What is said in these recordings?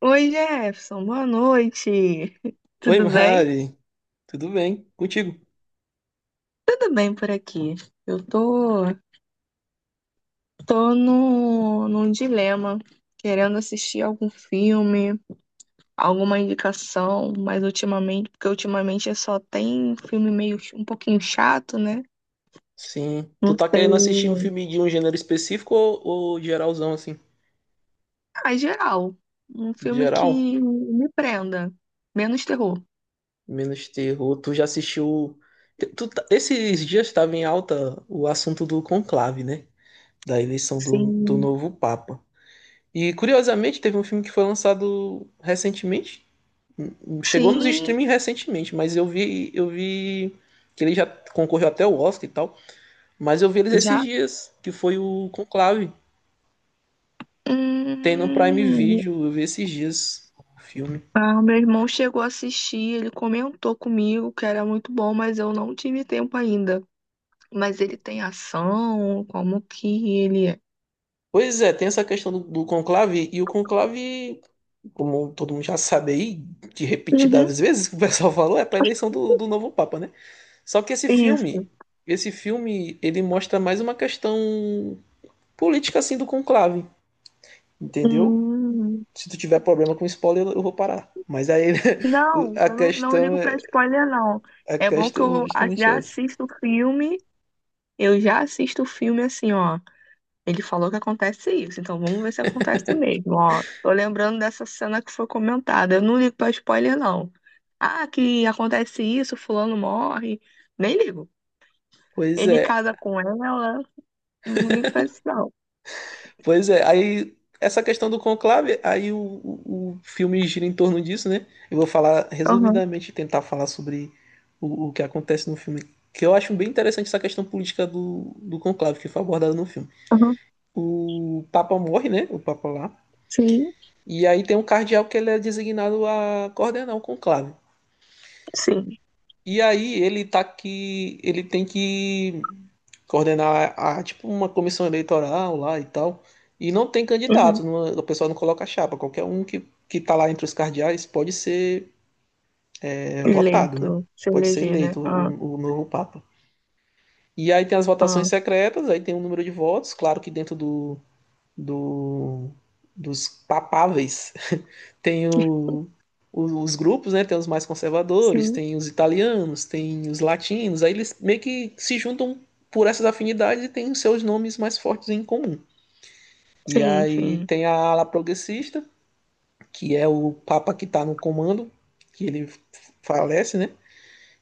Oi, Jefferson, boa noite. Oi, Tudo bem? Mari. Tudo bem? Contigo? Tudo bem por aqui. Eu tô, tô no, num dilema, querendo assistir algum filme, alguma indicação, mas ultimamente só tem filme um pouquinho chato, né? Sim. Tu Não tá querendo assistir um sei. filme de um gênero específico ou geralzão, assim? Ah, em geral, um filme que Geral? me prenda, menos terror. Menos terror. Tu já assistiu... Esses dias estava em alta o assunto do conclave, né? Da eleição do Sim, novo Papa. E, curiosamente, teve um filme que foi lançado recentemente. Chegou nos sim, streaming recentemente, mas eu vi que ele já concorreu até o Oscar e tal. Mas eu vi eles esses já. dias, que foi o Conclave. Tem no Prime Hum. Video, eu vi esses dias o filme. Ah, meu irmão chegou a assistir, ele comentou comigo que era muito bom, mas eu não tive tempo ainda. Mas ele tem ação, como que ele é? Pois é, tem essa questão do conclave, e o conclave, como todo mundo já sabe aí, de Uhum, repetidas vezes que o pessoal falou, é pra eleição do novo Papa, né? Só que isso. Esse filme, ele mostra mais uma questão política, assim, do conclave, entendeu? Hum, Se tu tiver problema com spoiler, eu vou parar. Mas aí, não, a eu não, não questão ligo é, pra spoiler, não. a É bom que questão é justamente já essa. assisto o filme, eu já assisto o filme assim, ó. Ele falou que acontece isso, então vamos ver se acontece mesmo, ó. Tô lembrando dessa cena que foi comentada. Eu não ligo pra spoiler, não. Ah, que acontece isso, fulano morre. Nem ligo. Pois Ele é. casa com ela, não ligo pra isso, não. Pois é, aí essa questão do conclave, aí o filme gira em torno disso, né? Eu vou falar Aham, resumidamente, tentar falar sobre o que acontece no filme, que eu acho bem interessante essa questão política do conclave, que foi abordada no filme. aham. O Papa morre, né? O Papa lá. Sim, E aí tem um cardeal que ele é designado a coordenar o conclave. sim. E aí ele tá que ele tem que coordenar tipo uma comissão eleitoral lá e tal. E não tem Uhum. candidato, o pessoal não coloca chapa. Que tá lá entre os cardeais pode ser votado, né? Eleito, se Pode ser eleger, né? eleito Ah, o novo Papa. E aí tem as votações ah. secretas, aí tem o número de votos, claro que dentro do dos papáveis tem os grupos, né? Tem os mais conservadores, Sim, tem os italianos, tem os latinos, aí eles meio que se juntam por essas afinidades e têm os seus nomes mais fortes em comum. E sim, aí sim. tem a ala progressista, que é o Papa que está no comando, que ele falece, né?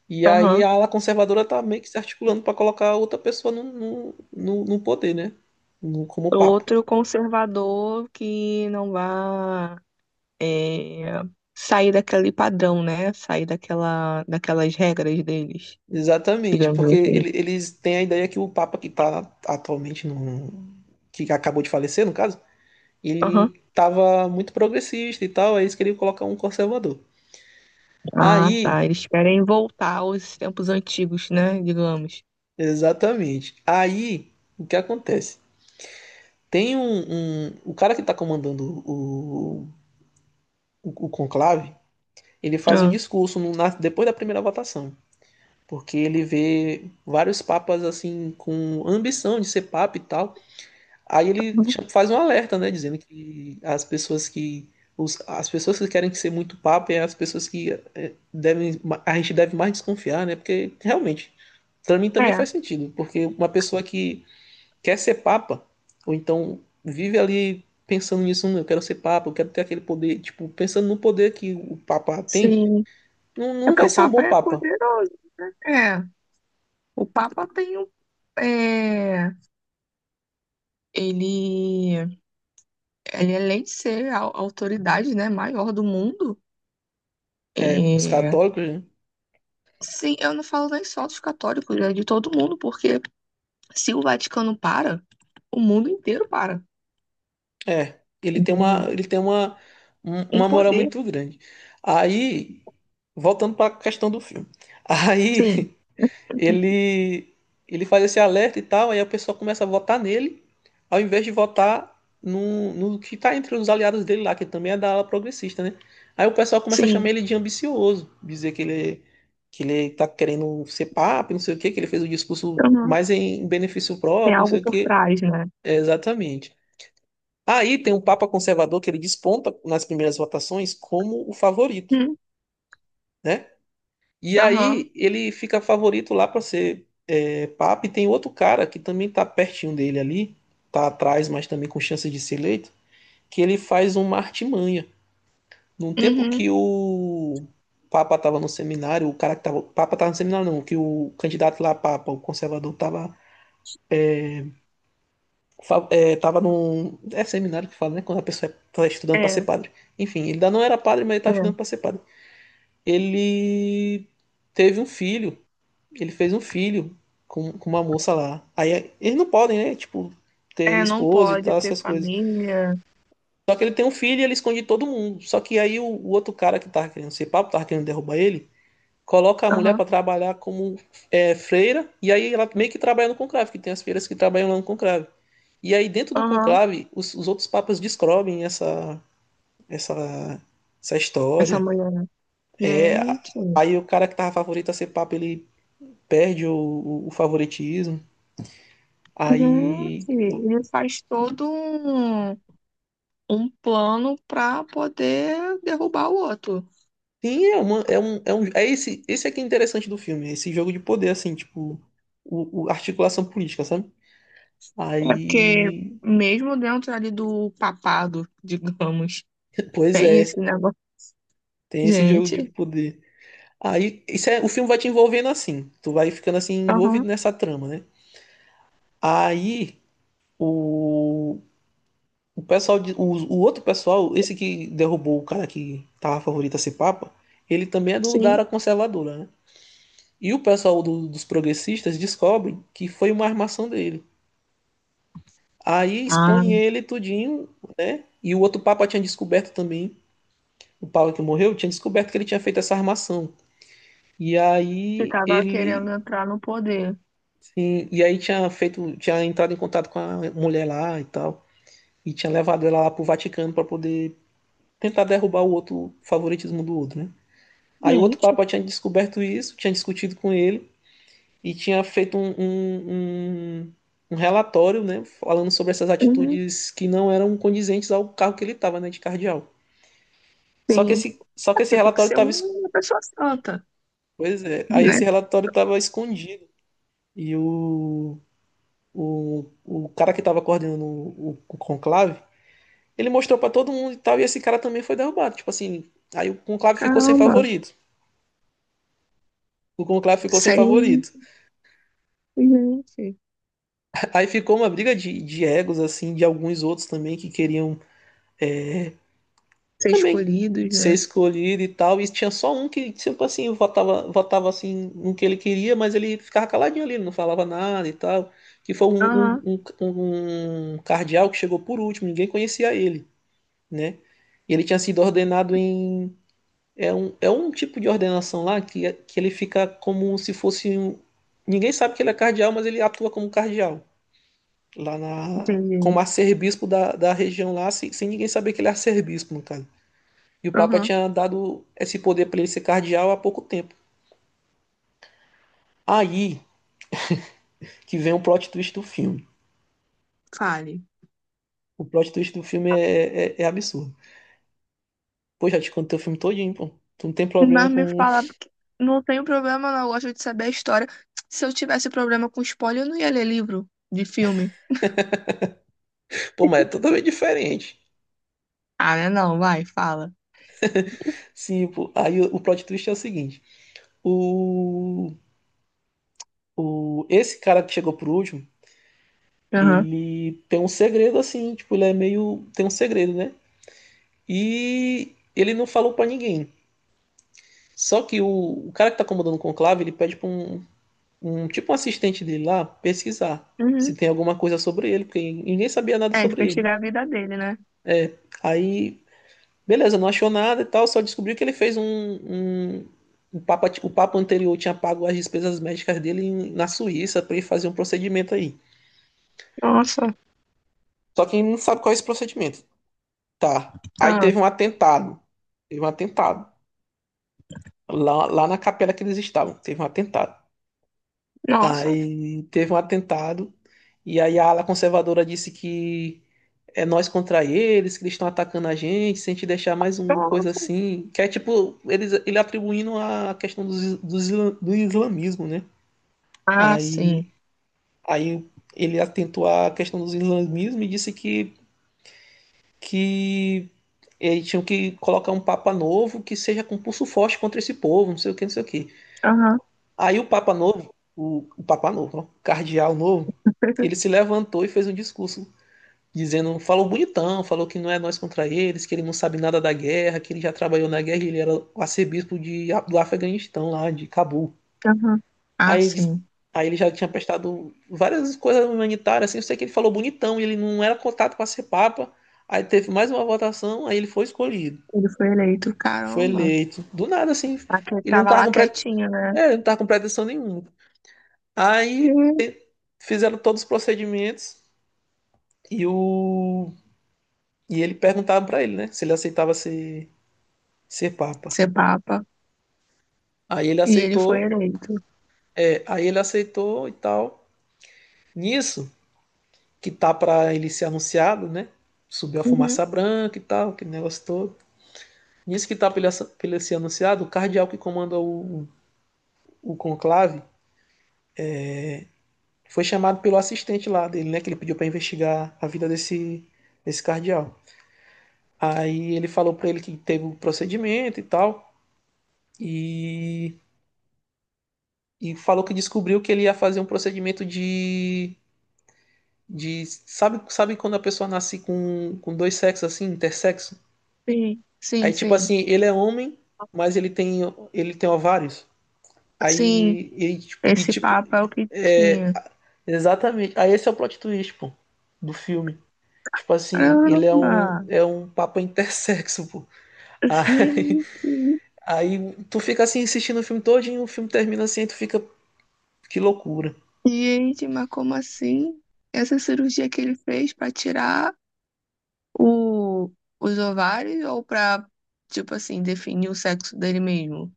E aí Aham. a ala conservadora está meio que se articulando para colocar outra pessoa no poder, né? Como Papa. Outro conservador que não vá é, sair daquele padrão, né? Sair daquela, daquelas regras deles, Exatamente, digamos porque assim. Eles têm a ideia que o Papa que está atualmente no. Que acabou de falecer, no caso, Aham. ele estava muito progressista e tal, aí eles queriam colocar um conservador. Ah, tá. Aí, Eles querem voltar aos tempos antigos, né? Digamos. exatamente. Aí, o que acontece? Tem o cara que está comandando o conclave, ele faz um Ah. discurso no, na, depois da primeira votação, porque ele vê vários papas assim com ambição de ser papa e tal. Aí ele faz um alerta, né, dizendo que as pessoas que os, as pessoas que querem ser muito papa é as pessoas devem a gente deve mais desconfiar, né? Porque realmente para mim também É, faz sentido, porque uma pessoa que quer ser papa, ou então vive ali pensando nisso, eu quero ser papa, eu quero ter aquele poder, tipo, pensando no poder que o papa tem, sim. não, É não porque vai o ser um Papa bom é papa". poderoso, né? É, o Papa tem um. É, ele, ele, além de ser a autoridade, né, maior do mundo, É, os é, católicos, né? sim, eu não falo nem só dos católicos, é de todo mundo, porque se o Vaticano para, o mundo inteiro para. É, Um, ele tem uma, um- um uma moral poder, muito grande. Aí, voltando para a questão do filme. Aí sim, ele ele faz esse alerta e tal, aí a pessoa começa a votar nele, ao invés de votar no que está entre os aliados dele lá, que também é da ala progressista, né? Aí o pessoal começa a chamar sim. ele de ambicioso, dizer que ele tá querendo ser papa, não sei o quê, que ele fez o discurso Aham. mais em benefício Tem próprio, não sei algo o por quê. trás, né? É, exatamente. Aí tem um papa conservador que ele desponta nas primeiras votações como o favorito, Hum. né? E Aham, aí ele fica favorito lá para ser papa. E tem outro cara que também tá pertinho dele ali, tá atrás, mas também com chance de ser eleito, que ele faz uma artimanha. Num tempo uhum. que o papa tava no seminário, o cara que tava, o papa tava no seminário não, que o candidato lá a papa, o conservador, tava tava num seminário que fala, né, quando a pessoa tá estudando para ser É, padre. Enfim, ele ainda não era padre, mas ele tá é. estudando para ser padre. Ele teve um filho Ele fez um filho com uma moça lá. Aí eles não podem, né? Tipo, ter É, não esposa e pode tal, ter essas coisas. família. Só que ele tem um filho e ele esconde todo mundo. Só que aí o outro cara que tava querendo ser papo, tava querendo derrubar ele, coloca a mulher Aham, para trabalhar como freira. E aí ela meio que trabalha no conclave, que tem as freiras que trabalham lá no conclave. E aí dentro do aham. conclave, os outros papas descobrem essa, essa Essa história. mulher, né? É, Gente, aí o cara que tava favorito a ser papa, ele perde o favoritismo. gente, Aí. ele faz todo um, um plano para poder derrubar o outro. Sim, é uma, é um, é um, é esse, esse aqui é interessante do filme, esse jogo de poder, assim, tipo, articulação política, sabe? É porque Aí. mesmo dentro ali do papado, digamos, Pois tem é, esse negócio. tem esse jogo de Gente, poder. Aí, isso é, o filme vai te envolvendo assim, tu vai ficando assim aham, envolvido nessa trama, né? Aí, o, o pessoal, o outro pessoal, esse que derrubou o cara que tava favorito a ser papa, ele também é da sim. área conservadora, né? E o pessoal dos progressistas descobre que foi uma armação dele. Aí Ah. expõe ele tudinho, né? E o outro papa tinha descoberto também, o papa que morreu, tinha descoberto que ele tinha feito essa armação. E aí Ficava querendo ele, entrar no poder. sim, e aí tinha feito, tinha entrado em contato com a mulher lá e tal, e tinha levado ela lá pro Vaticano para poder tentar derrubar o favoritismo do outro, né? Aí o outro Gente, papa tinha descoberto isso, tinha discutido com ele. E tinha feito um relatório, né, falando sobre essas uhum, atitudes que não eram condizentes ao cargo que ele estava, né, de cardeal. Sim. Só É que esse porque tem que relatório ser um, estava, uma pessoa santa, pois é, aí né? esse relatório estava escondido e o cara que estava coordenando o conclave, ele mostrou para todo mundo e tal, e esse cara também foi derrubado, tipo assim, aí o conclave ficou sem Caramba, favorito. O conclave ficou sem sem favorito. gente, Aí ficou uma briga de egos, assim, de alguns outros também que queriam ser Também escolhidos, ser né? escolhido e tal. E tinha só um que, sempre assim, votava assim no que ele queria, mas ele ficava caladinho ali, ele não falava nada e tal. Que foi Aham, um cardeal que chegou por último, ninguém conhecia ele, né? E ele tinha sido ordenado em. É é um tipo de ordenação lá que, que ele fica como se fosse um. Ninguém sabe que ele é cardeal, mas ele atua como cardeal. Lá na. entendi. Como arcebispo da região lá, sem ninguém saber que ele é arcebispo, no caso. E o Papa Aham, tinha dado esse poder para ele ser cardeal há pouco tempo. Aí que vem o plot twist do filme. fale. O plot twist do filme é, é absurdo. Pô, já te contei o filme todinho, pô. Tu não tem problema Mas me com. fala, porque não tenho problema, não. Eu gosto de saber a história. Se eu tivesse problema com spoiler, eu não ia ler livro de filme. Pô, mas é totalmente diferente. Ah, né? Não, vai, fala. Sim, pô. Aí o plot twist é o seguinte: o. o esse cara que chegou por último, Aham. ele tem um segredo assim, tipo, ele é meio. Tem um segredo, né? E ele não falou para ninguém. Só que o cara que tá comandando o conclave, ele pede pra um tipo um assistente dele lá pesquisar se Uhum. tem alguma coisa sobre ele, porque ninguém sabia nada É, sobre ele. investigar a vida dele, né? É, aí, beleza, não achou nada e tal, só descobriu que ele fez o papa anterior tinha pago as despesas médicas dele na Suíça para ele fazer um procedimento aí. Nossa. Só que ele não sabe qual é esse procedimento. Tá. Aí Ah, teve um atentado. Teve um atentado. Lá na capela que eles estavam, teve um atentado. nossa. Aí teve um atentado. E aí a ala conservadora disse que é nós contra eles, que eles estão atacando a gente, se a gente deixar mais uma coisa Nossa. assim, que é tipo, eles, ele atribuindo a questão do islamismo, né? Ah, Aí, sim. aí ele atentou à questão do islamismo e disse que eles tinham que colocar um papa novo que seja com pulso forte contra esse povo, não sei o que, não sei o que. Aham. Aí o papa novo, o papa novo, ó, o cardeal novo, ele se levantou e fez um discurso dizendo, falou bonitão, falou que não é nós contra eles, que ele não sabe nada da guerra, que ele já trabalhou na guerra, ele era o arcebispo de, do Afeganistão lá, de Cabul. Aham. Ah, Aí sim. aí ele já tinha prestado várias coisas humanitárias, assim, eu sei que ele falou bonitão, ele não era cotado para ser papa. Aí teve mais uma votação, aí ele foi escolhido, Ele foi eleito. foi Caramba. eleito, do nada assim. Aquele que Ele não tava tava lá com, pre... quietinho, né? Ele não tava com pretensão nenhuma. Aí Uhum. Fizeram todos os procedimentos e o e ele perguntava para ele, né, se ele aceitava ser ser papa. Ser papa. Aí ele E ele foi aceitou, eleito. é, aí ele aceitou e tal. Nisso, que tá para ele ser anunciado, né? Subiu a Uhum. fumaça branca e tal, aquele negócio todo. Nisso que tá para ele, ele ser anunciado, o cardeal que comanda o conclave foi chamado pelo assistente lá dele, né? Que ele pediu para investigar a vida desse cardeal. Aí ele falou para ele que teve o um procedimento e tal, e, e falou que descobriu que ele ia fazer um procedimento de sabe sabe quando a pessoa nasce com dois sexos assim intersexo Sim, aí sim, tipo sim. assim ele é homem mas ele tem ovários Sim, aí ele, tipo, e esse tipo papo é o que é tinha. exatamente aí esse é o plot twist pô do filme tipo assim ele é Caramba! Um papa intersexo pô aí, Gente, aí tu fica assim assistindo o filme todo e o filme termina assim aí tu fica que loucura gente, mas como assim? Essa cirurgia que ele fez pra tirar o, os ovários ou pra, tipo assim, definir o sexo dele mesmo?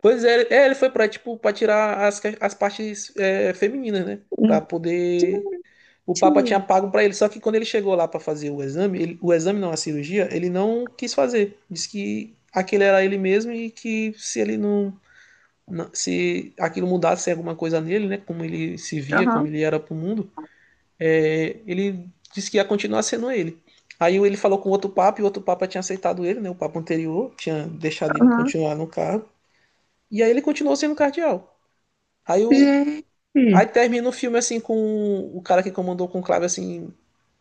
pois é, é ele foi para tipo para tirar as, as partes femininas né para poder o Papa tinha Gente, pago para ele, só que quando ele chegou lá para fazer o exame, o exame não, a cirurgia, ele não quis fazer. Disse que aquele era ele mesmo e que se ele não, se aquilo mudasse alguma coisa nele, né, como ele se via, como aham, ele era pro mundo, ele disse que ia continuar sendo ele. Aí ele falou com outro papa e o outro papa tinha aceitado ele, né, o papa anterior tinha deixado ele aham. continuar no cargo. E aí ele continuou sendo cardeal. Aí o Gente, Aí termina o filme assim com o cara que comandou o conclave assim,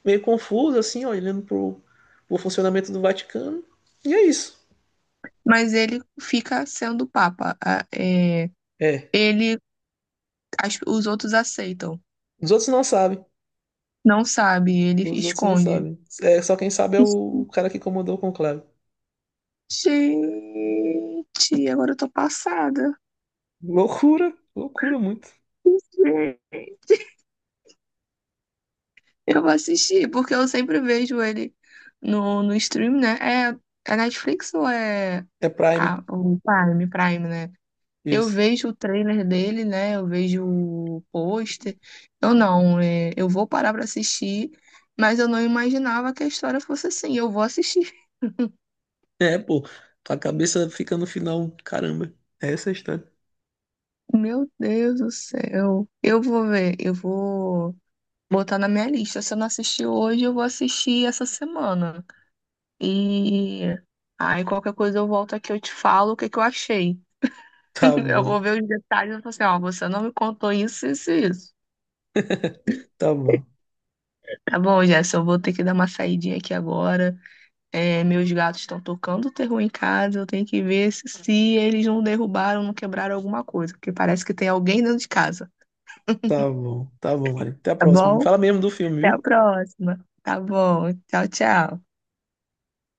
meio confuso, assim, ó, olhando pro, pro funcionamento do Vaticano. E é isso. mas ele fica sendo papa. É, É. ele, os outros aceitam. Os outros não sabem. Não sabe, ele Os outros não esconde. sabem. É, só quem sabe é o cara que comandou o conclave. Gente, agora eu tô passada. Loucura, loucura muito. Gente, eu vou assistir, porque eu sempre vejo ele no, no stream, né? É, é Netflix ou é É Prime, o Prime, Prime, né? Eu isso. vejo o trailer dele, né? Eu vejo o pôster. Eu não, é, eu vou parar pra assistir, mas eu não imaginava que a história fosse assim. Eu vou assistir. É, pô, a cabeça fica no final, caramba. É essa a história. Meu Deus do céu. Eu vou ver, eu vou botar na minha lista. Se eu não assistir hoje, eu vou assistir essa semana. E aí qualquer coisa eu volto aqui, eu te falo o que que eu achei. Tá Eu vou bom, ver os detalhes e vou falar assim, ó, você não me contou isso, isso, e isso. tá bom, Tá bom, Jéssica, eu vou ter que dar uma saidinha aqui agora. É, meus gatos estão tocando o terror em casa, eu tenho que ver se, se eles não derrubaram, não quebraram alguma coisa, porque parece que tem alguém dentro de casa. Tá bom, Mari. Até a Tá próxima. Me bom? fala mesmo do filme, Até a viu? próxima. Tá bom. Tchau, tchau.